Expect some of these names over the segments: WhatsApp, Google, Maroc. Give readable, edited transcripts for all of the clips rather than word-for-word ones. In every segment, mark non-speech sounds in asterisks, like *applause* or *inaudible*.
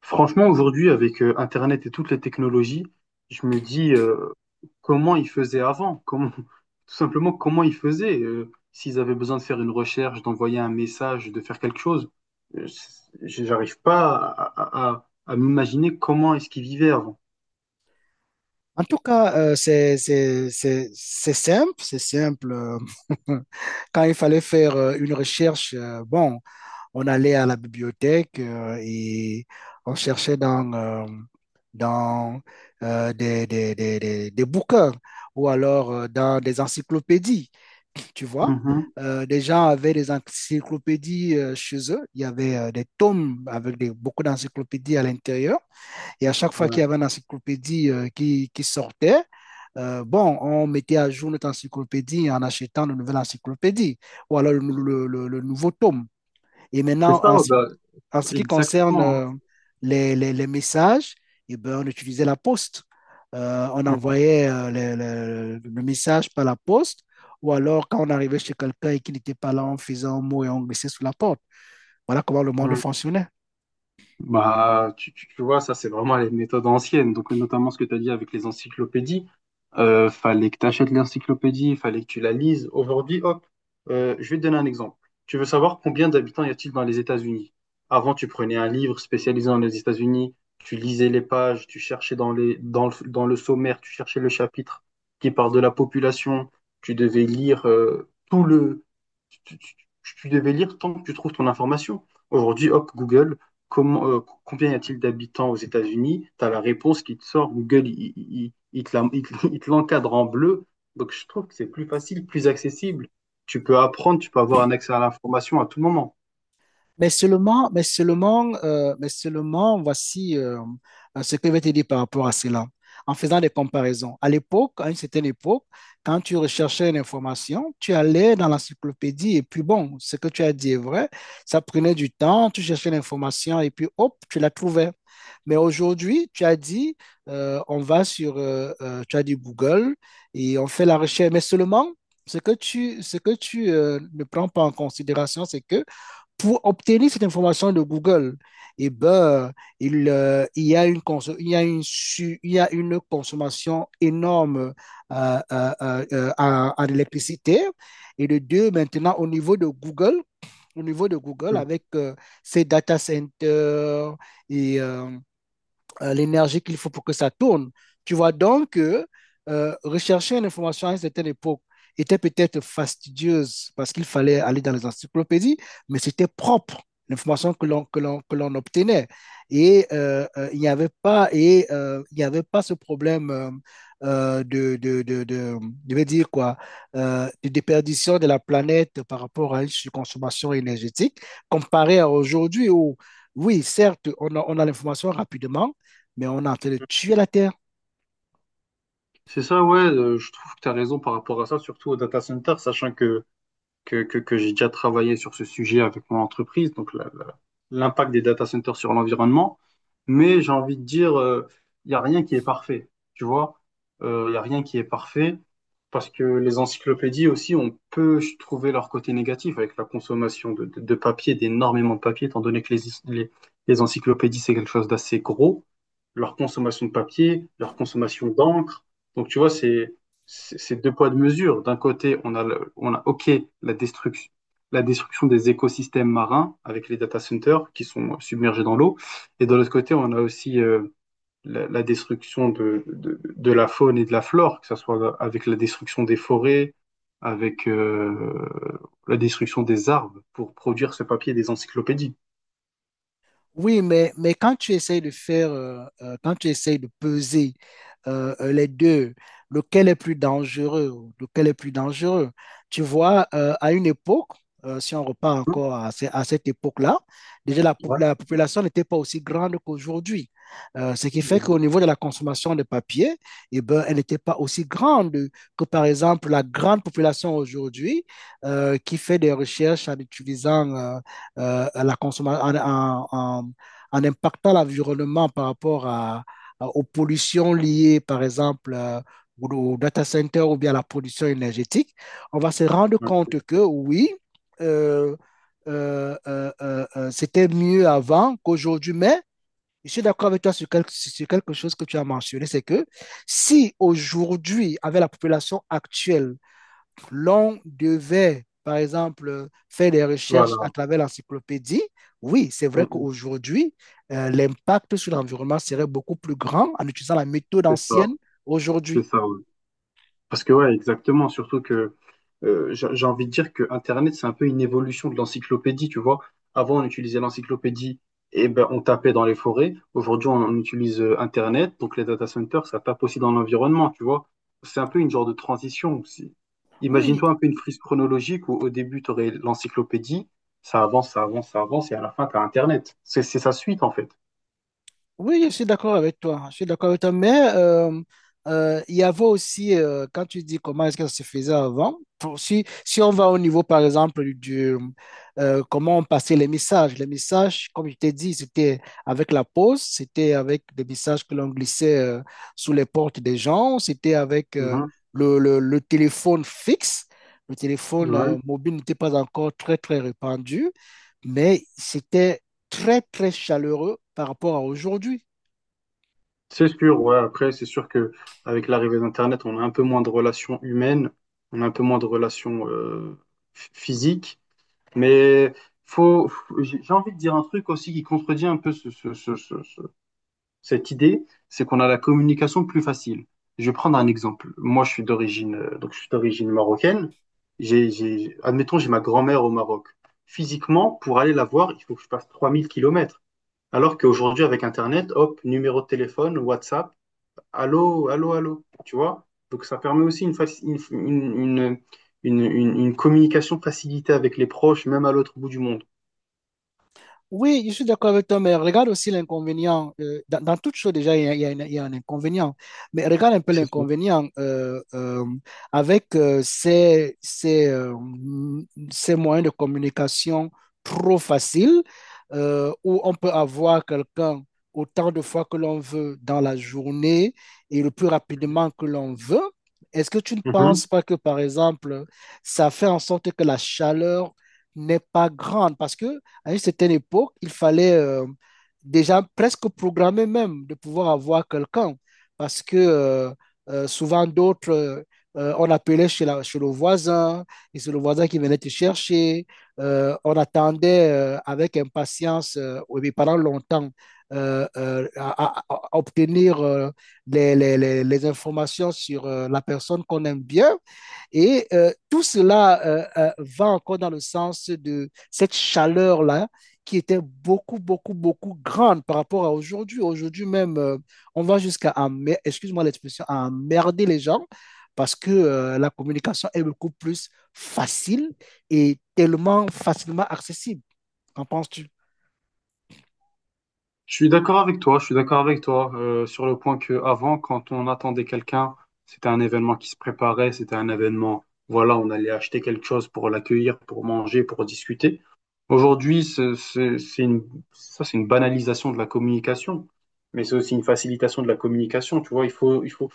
Franchement, aujourd'hui, avec Internet et toutes les technologies, je me dis comment ils faisaient avant, comment, *laughs* tout simplement comment ils faisaient, s'ils avaient besoin de faire une recherche, d'envoyer un message, de faire quelque chose. Euh, c'est- j'arrive pas à m'imaginer comment est-ce qu'ils vivaient avant. En tout cas, c'est simple, c'est simple. *laughs* Quand il fallait faire une recherche, bon, on allait à la bibliothèque et on cherchait dans, dans des bouquins ou alors dans des encyclopédies, tu vois. Mhm. Des gens avaient des encyclopédies chez eux. Il y avait des tomes avec des, beaucoup d'encyclopédies à l'intérieur. Et à chaque fois qu'il y Ouais. avait une encyclopédie qui sortait, bon, on mettait à jour notre encyclopédie en achetant une nouvelle encyclopédie ou alors le nouveau tome. Et C'est maintenant, ça, en, ouais, ce bah, en ce qui concerne exactement. Les messages, eh ben, on utilisait la poste. On envoyait le message par la poste ou alors quand on arrivait chez quelqu'un et qu'il n'était pas là, on faisait un mot et on glissait sous la porte. Voilà comment le monde fonctionnait. Bah, tu vois, ça, c'est vraiment les méthodes anciennes. Donc, notamment ce que tu as dit avec les encyclopédies. Fallait que tu achètes l'encyclopédie, fallait que tu la lises. Aujourd'hui, hop, je vais te donner un exemple. Tu veux savoir combien d'habitants y a-t-il dans les États-Unis? Avant, tu prenais un livre spécialisé dans les États-Unis, tu lisais les pages, tu cherchais dans le sommaire, tu cherchais le chapitre qui parle de la population. Tu devais lire tout le. Tu, tu- tu- tu devais lire tant que tu trouves ton information. Aujourd'hui, hop, Google, combien y a-t-il d'habitants aux États-Unis? Tu as la réponse qui te sort. Google, il te la- il te l'encadre en bleu. Donc, je trouve que c'est plus facile, plus accessible. Tu peux apprendre, tu peux avoir un accès à l'information à tout moment. Mais seulement, voici ce que je vais te dire par rapport à cela, en faisant des comparaisons. À une certaine époque, quand tu recherchais une information, tu allais dans l'encyclopédie et puis bon, ce que tu as dit est vrai, ça prenait du temps, tu cherchais l'information et puis hop, tu la trouvais. Mais aujourd'hui, tu as dit, tu as dit Google et on fait la recherche, mais seulement... Ce que tu ne prends pas en considération, c'est que pour obtenir cette information de Google, eh ben, il y a une conso- il y a une su- il y a une consommation énorme en électricité. Et de deux, maintenant, au niveau de Google, Hmm. avec ses data centers et l'énergie qu'il faut pour que ça tourne. Tu vois donc que rechercher une information à une certaine époque était peut-être fastidieuse parce qu'il fallait aller dans les encyclopédies, mais c'était propre l'information que l'on obtenait et il n'y avait pas et il n'y avait pas ce problème de- je vais dire quoi de déperdition de la planète par rapport à une consommation énergétique comparé à aujourd'hui où oui certes on a l'information rapidement mais on est en train de tuer la terre. C'est ça, ouais, je trouve que tu as raison par rapport à ça, surtout au data center, sachant que j'ai déjà travaillé sur ce sujet avec mon entreprise, donc l'impact des data centers sur l'environnement. Mais j'ai envie de dire, il n'y a rien qui est parfait, tu vois. Il n'y a rien qui est parfait parce que les encyclopédies aussi, on peut trouver leur côté négatif avec la consommation de papier, d'énormément de papier, étant donné que les encyclopédies, c'est quelque chose d'assez gros, leur consommation de papier, leur consommation d'encre. Donc, tu vois, c'est deux poids, deux mesures. D'un côté, on a, on a, OK, la destruction, la destruction des écosystèmes marins avec les data centers qui sont submergés dans l'eau. Et de l'autre côté, on a aussi la destruction de la faune et de la flore, que ce soit avec la destruction des forêts, avec la destruction des arbres pour produire ce papier des encyclopédies. Oui, mais quand tu essayes de faire, quand tu essayes de peser les deux, lequel est plus dangereux, tu vois, à une époque, si on repart Hein. encore à cette époque-là, déjà la, po- Ouais. la population n'était pas aussi grande qu'aujourd'hui. Ce qui fait qu'au Mhm. niveau de la consommation de papier, eh ben, elle n'était pas aussi grande que, par exemple, la grande population aujourd'hui qui fait des recherches en utilisant à la consommation, en, en- en- en impactant l'environnement par rapport à- aux pollutions liées, par exemple, au data center ou bien à la production énergétique, on va se rendre Ouais. compte que oui, euh, c'était mieux avant qu'aujourd'hui, mais je suis d'accord avec toi sur quelque chose que tu as mentionné, c'est que si aujourd'hui, avec la population actuelle, l'on devait, par exemple, faire des recherches à Voilà, travers l'encyclopédie, oui, c'est On- vrai on qu'aujourd'hui, l'impact sur l'environnement serait beaucoup plus grand en utilisant la méthode fait ça. ancienne C'est aujourd'hui. ça, ouais. Parce que ouais, exactement, surtout que j'ai envie de dire que Internet, c'est un peu une évolution de l'encyclopédie, tu vois. Avant, on utilisait l'encyclopédie et ben on tapait dans les forêts. Aujourd'hui, on utilise Internet, donc les data centers, ça tape aussi dans l'environnement, tu vois. C'est un peu une genre de transition aussi. Oui, Imagine-toi un peu une frise chronologique où au début, tu aurais l'encyclopédie, ça avance, ça avance, ça avance, et à la fin, tu as Internet. C'est sa suite, en fait. Oui, je suis d'accord avec toi. Je suis d'accord avec toi. Mais il y avait aussi, quand tu dis comment est-ce que ça se faisait avant, si, si on va au niveau, par exemple, du comment on passait les messages. Les messages, comme je t'ai dit, c'était avec la poste, c'était avec des messages que l'on glissait sous les portes des gens, c'était avec Mhm. le téléphone fixe. Le téléphone Ouais. Mobile n'était pas encore très, très répandu, mais c'était très, très chaleureux par rapport à aujourd'hui. C'est sûr, ouais. Après, c'est sûr que avec l'arrivée d'Internet, on a un peu moins de relations humaines, on a un peu moins de relations physiques. Mais j'ai envie de dire un truc aussi qui contredit un peu cette idée, c'est qu'on a la communication plus facile. Je vais prendre un exemple. Moi, je suis d'origine marocaine. Admettons, j'ai ma grand-mère au Maroc. Physiquement, pour aller la voir, il faut que je passe 3 000 km. Alors qu'aujourd'hui, avec Internet, hop, numéro de téléphone, WhatsApp, allô, allô, allô, tu vois? Donc ça permet aussi une, faci- une communication facilitée avec les proches, même à l'autre bout du monde. Oui, je suis d'accord avec toi, mais regarde aussi l'inconvénient. Dans toute chose, déjà, il y a un inconvénient. Mais regarde un peu C'est sûr. l'inconvénient avec ces moyens de communication trop faciles, où on peut avoir quelqu'un autant de fois que l'on veut dans la journée et le plus rapidement que l'on veut. Est-ce que tu ne Mhm. penses pas que, par exemple, ça fait en sorte que la chaleur n'est pas grande? Parce que à une certaine époque, il fallait déjà presque programmer même de pouvoir avoir quelqu'un parce que souvent d'autres, on appelait chez le voisin et c'est le voisin qui venait te chercher. On attendait avec impatience et pendant longtemps à obtenir les informations sur la personne qu'on aime bien. Et tout cela va encore dans le sens de cette chaleur-là qui était beaucoup, beaucoup, beaucoup grande par rapport à aujourd'hui. Aujourd'hui même, on va jusqu'à excuse-moi l'expression, à emmerder les gens parce que la communication est beaucoup plus facile et tellement facilement accessible. Qu'en penses-tu? Je suis d'accord avec toi, je suis d'accord avec toi sur le point que avant, quand on attendait quelqu'un, c'était un événement qui se préparait, c'était un événement, voilà, on allait acheter quelque chose pour l'accueillir, pour manger, pour discuter. Aujourd'hui, c'est une banalisation de la communication, mais c'est aussi une facilitation de la communication, tu vois. Il faut,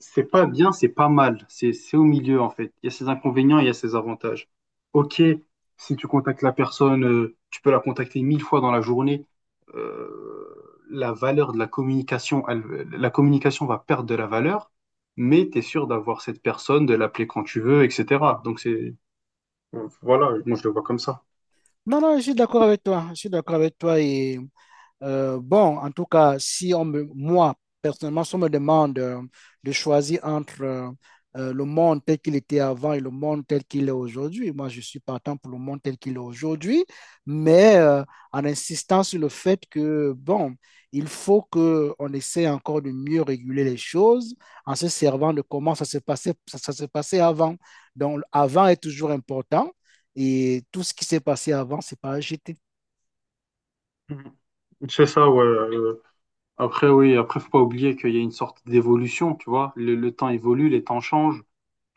c'est pas bien, c'est pas mal. C'est au milieu, en fait. Il y a ses inconvénients, il y a ses avantages. Ok, si tu contactes la personne, tu peux la contacter mille fois dans la journée. euh, la valeur de la communication, la communication va perdre de la valeur, mais tu es sûr d'avoir cette personne, de l'appeler quand tu veux, etc. Donc, c'est, voilà, moi je le vois comme ça. Non, non, je suis d'accord avec toi. Je suis d'accord avec toi et bon, en tout cas, si on me, moi, personnellement, si on me demande de choisir entre le monde tel qu'il était avant et le monde tel qu'il est aujourd'hui, moi, je suis partant pour le monde tel qu'il est aujourd'hui, mais en insistant sur le fait que, bon, il faut qu'on essaie encore de mieux réguler les choses en se servant de comment ça se passait, ça se passait avant. Donc, avant est toujours important et tout ce qui s'est passé avant, c'est pas à jeter. Mhm. C'est ça, ouais. Après, oui, après, faut pas oublier qu'il y a une sorte d'évolution, tu vois. Le temps évolue, les temps changent.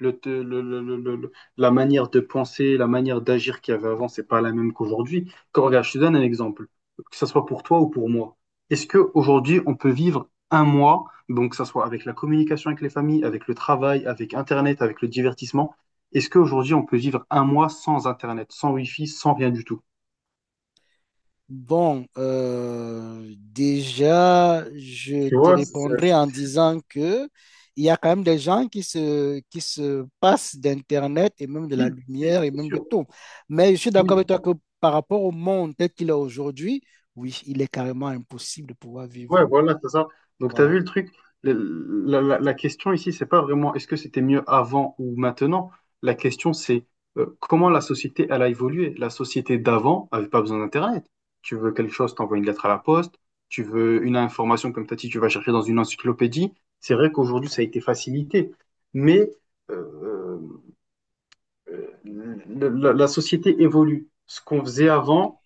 La manière de penser, la manière d'agir qu'il y avait avant, c'est pas la même qu'aujourd'hui. Quand regarde, je te donne un exemple, que ce soit pour toi ou pour moi. Est-ce que aujourd'hui on peut vivre un mois, donc que ce soit avec la communication avec les familles, avec le travail, avec Internet, avec le divertissement, est-ce qu'aujourd'hui on peut vivre un mois sans Internet, sans Wi-Fi, sans rien du tout? Bon, déjà, je Tu te vois, c'est- répondrai c'est- en disant que il y a quand même des gens qui se passent d'Internet et même de la Oui, oui, lumière ça et c'est même de sûr. tout. Mais je suis d'accord Oui. avec toi que par rapport au monde tel qu'il est aujourd'hui, oui, il est carrément impossible de pouvoir Ouais, vivre. voilà, c'est ça. Donc, tu as Voilà. vu le truc, la- la- la- question ici, c'est pas vraiment est-ce que c'était mieux avant ou maintenant. La question, c'est comment la société, elle a évolué. La société d'avant avait pas besoin d'Internet. Tu veux quelque chose, t'envoies une lettre à la poste. Tu veux une information, comme t'as dit, tu vas chercher dans une encyclopédie. C'est vrai qu'aujourd'hui, ça a été facilité. Mais euh, la société évolue. Ce qu'on faisait avant,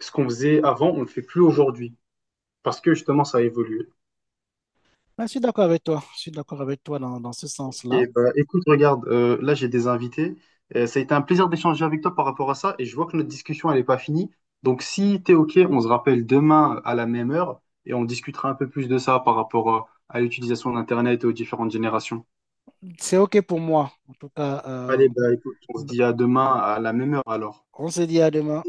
ce qu'on faisait avant, on le fait plus aujourd'hui. Parce que justement, ça a évolué. Mais je suis d'accord avec toi. Je suis d'accord avec toi dans ce sens-là. Et, écoute, regarde, là j'ai des invités. Ça a été un plaisir d'échanger avec toi par rapport à ça et je vois que notre discussion elle n'est pas finie. Donc si t'es OK, on se rappelle demain à la même heure et on discutera un peu plus de ça par rapport à l'utilisation d'Internet et aux différentes générations. C'est OK pour moi. En tout cas, Allez, bah écoute, on se dit à demain à la même heure alors. on se dit à demain.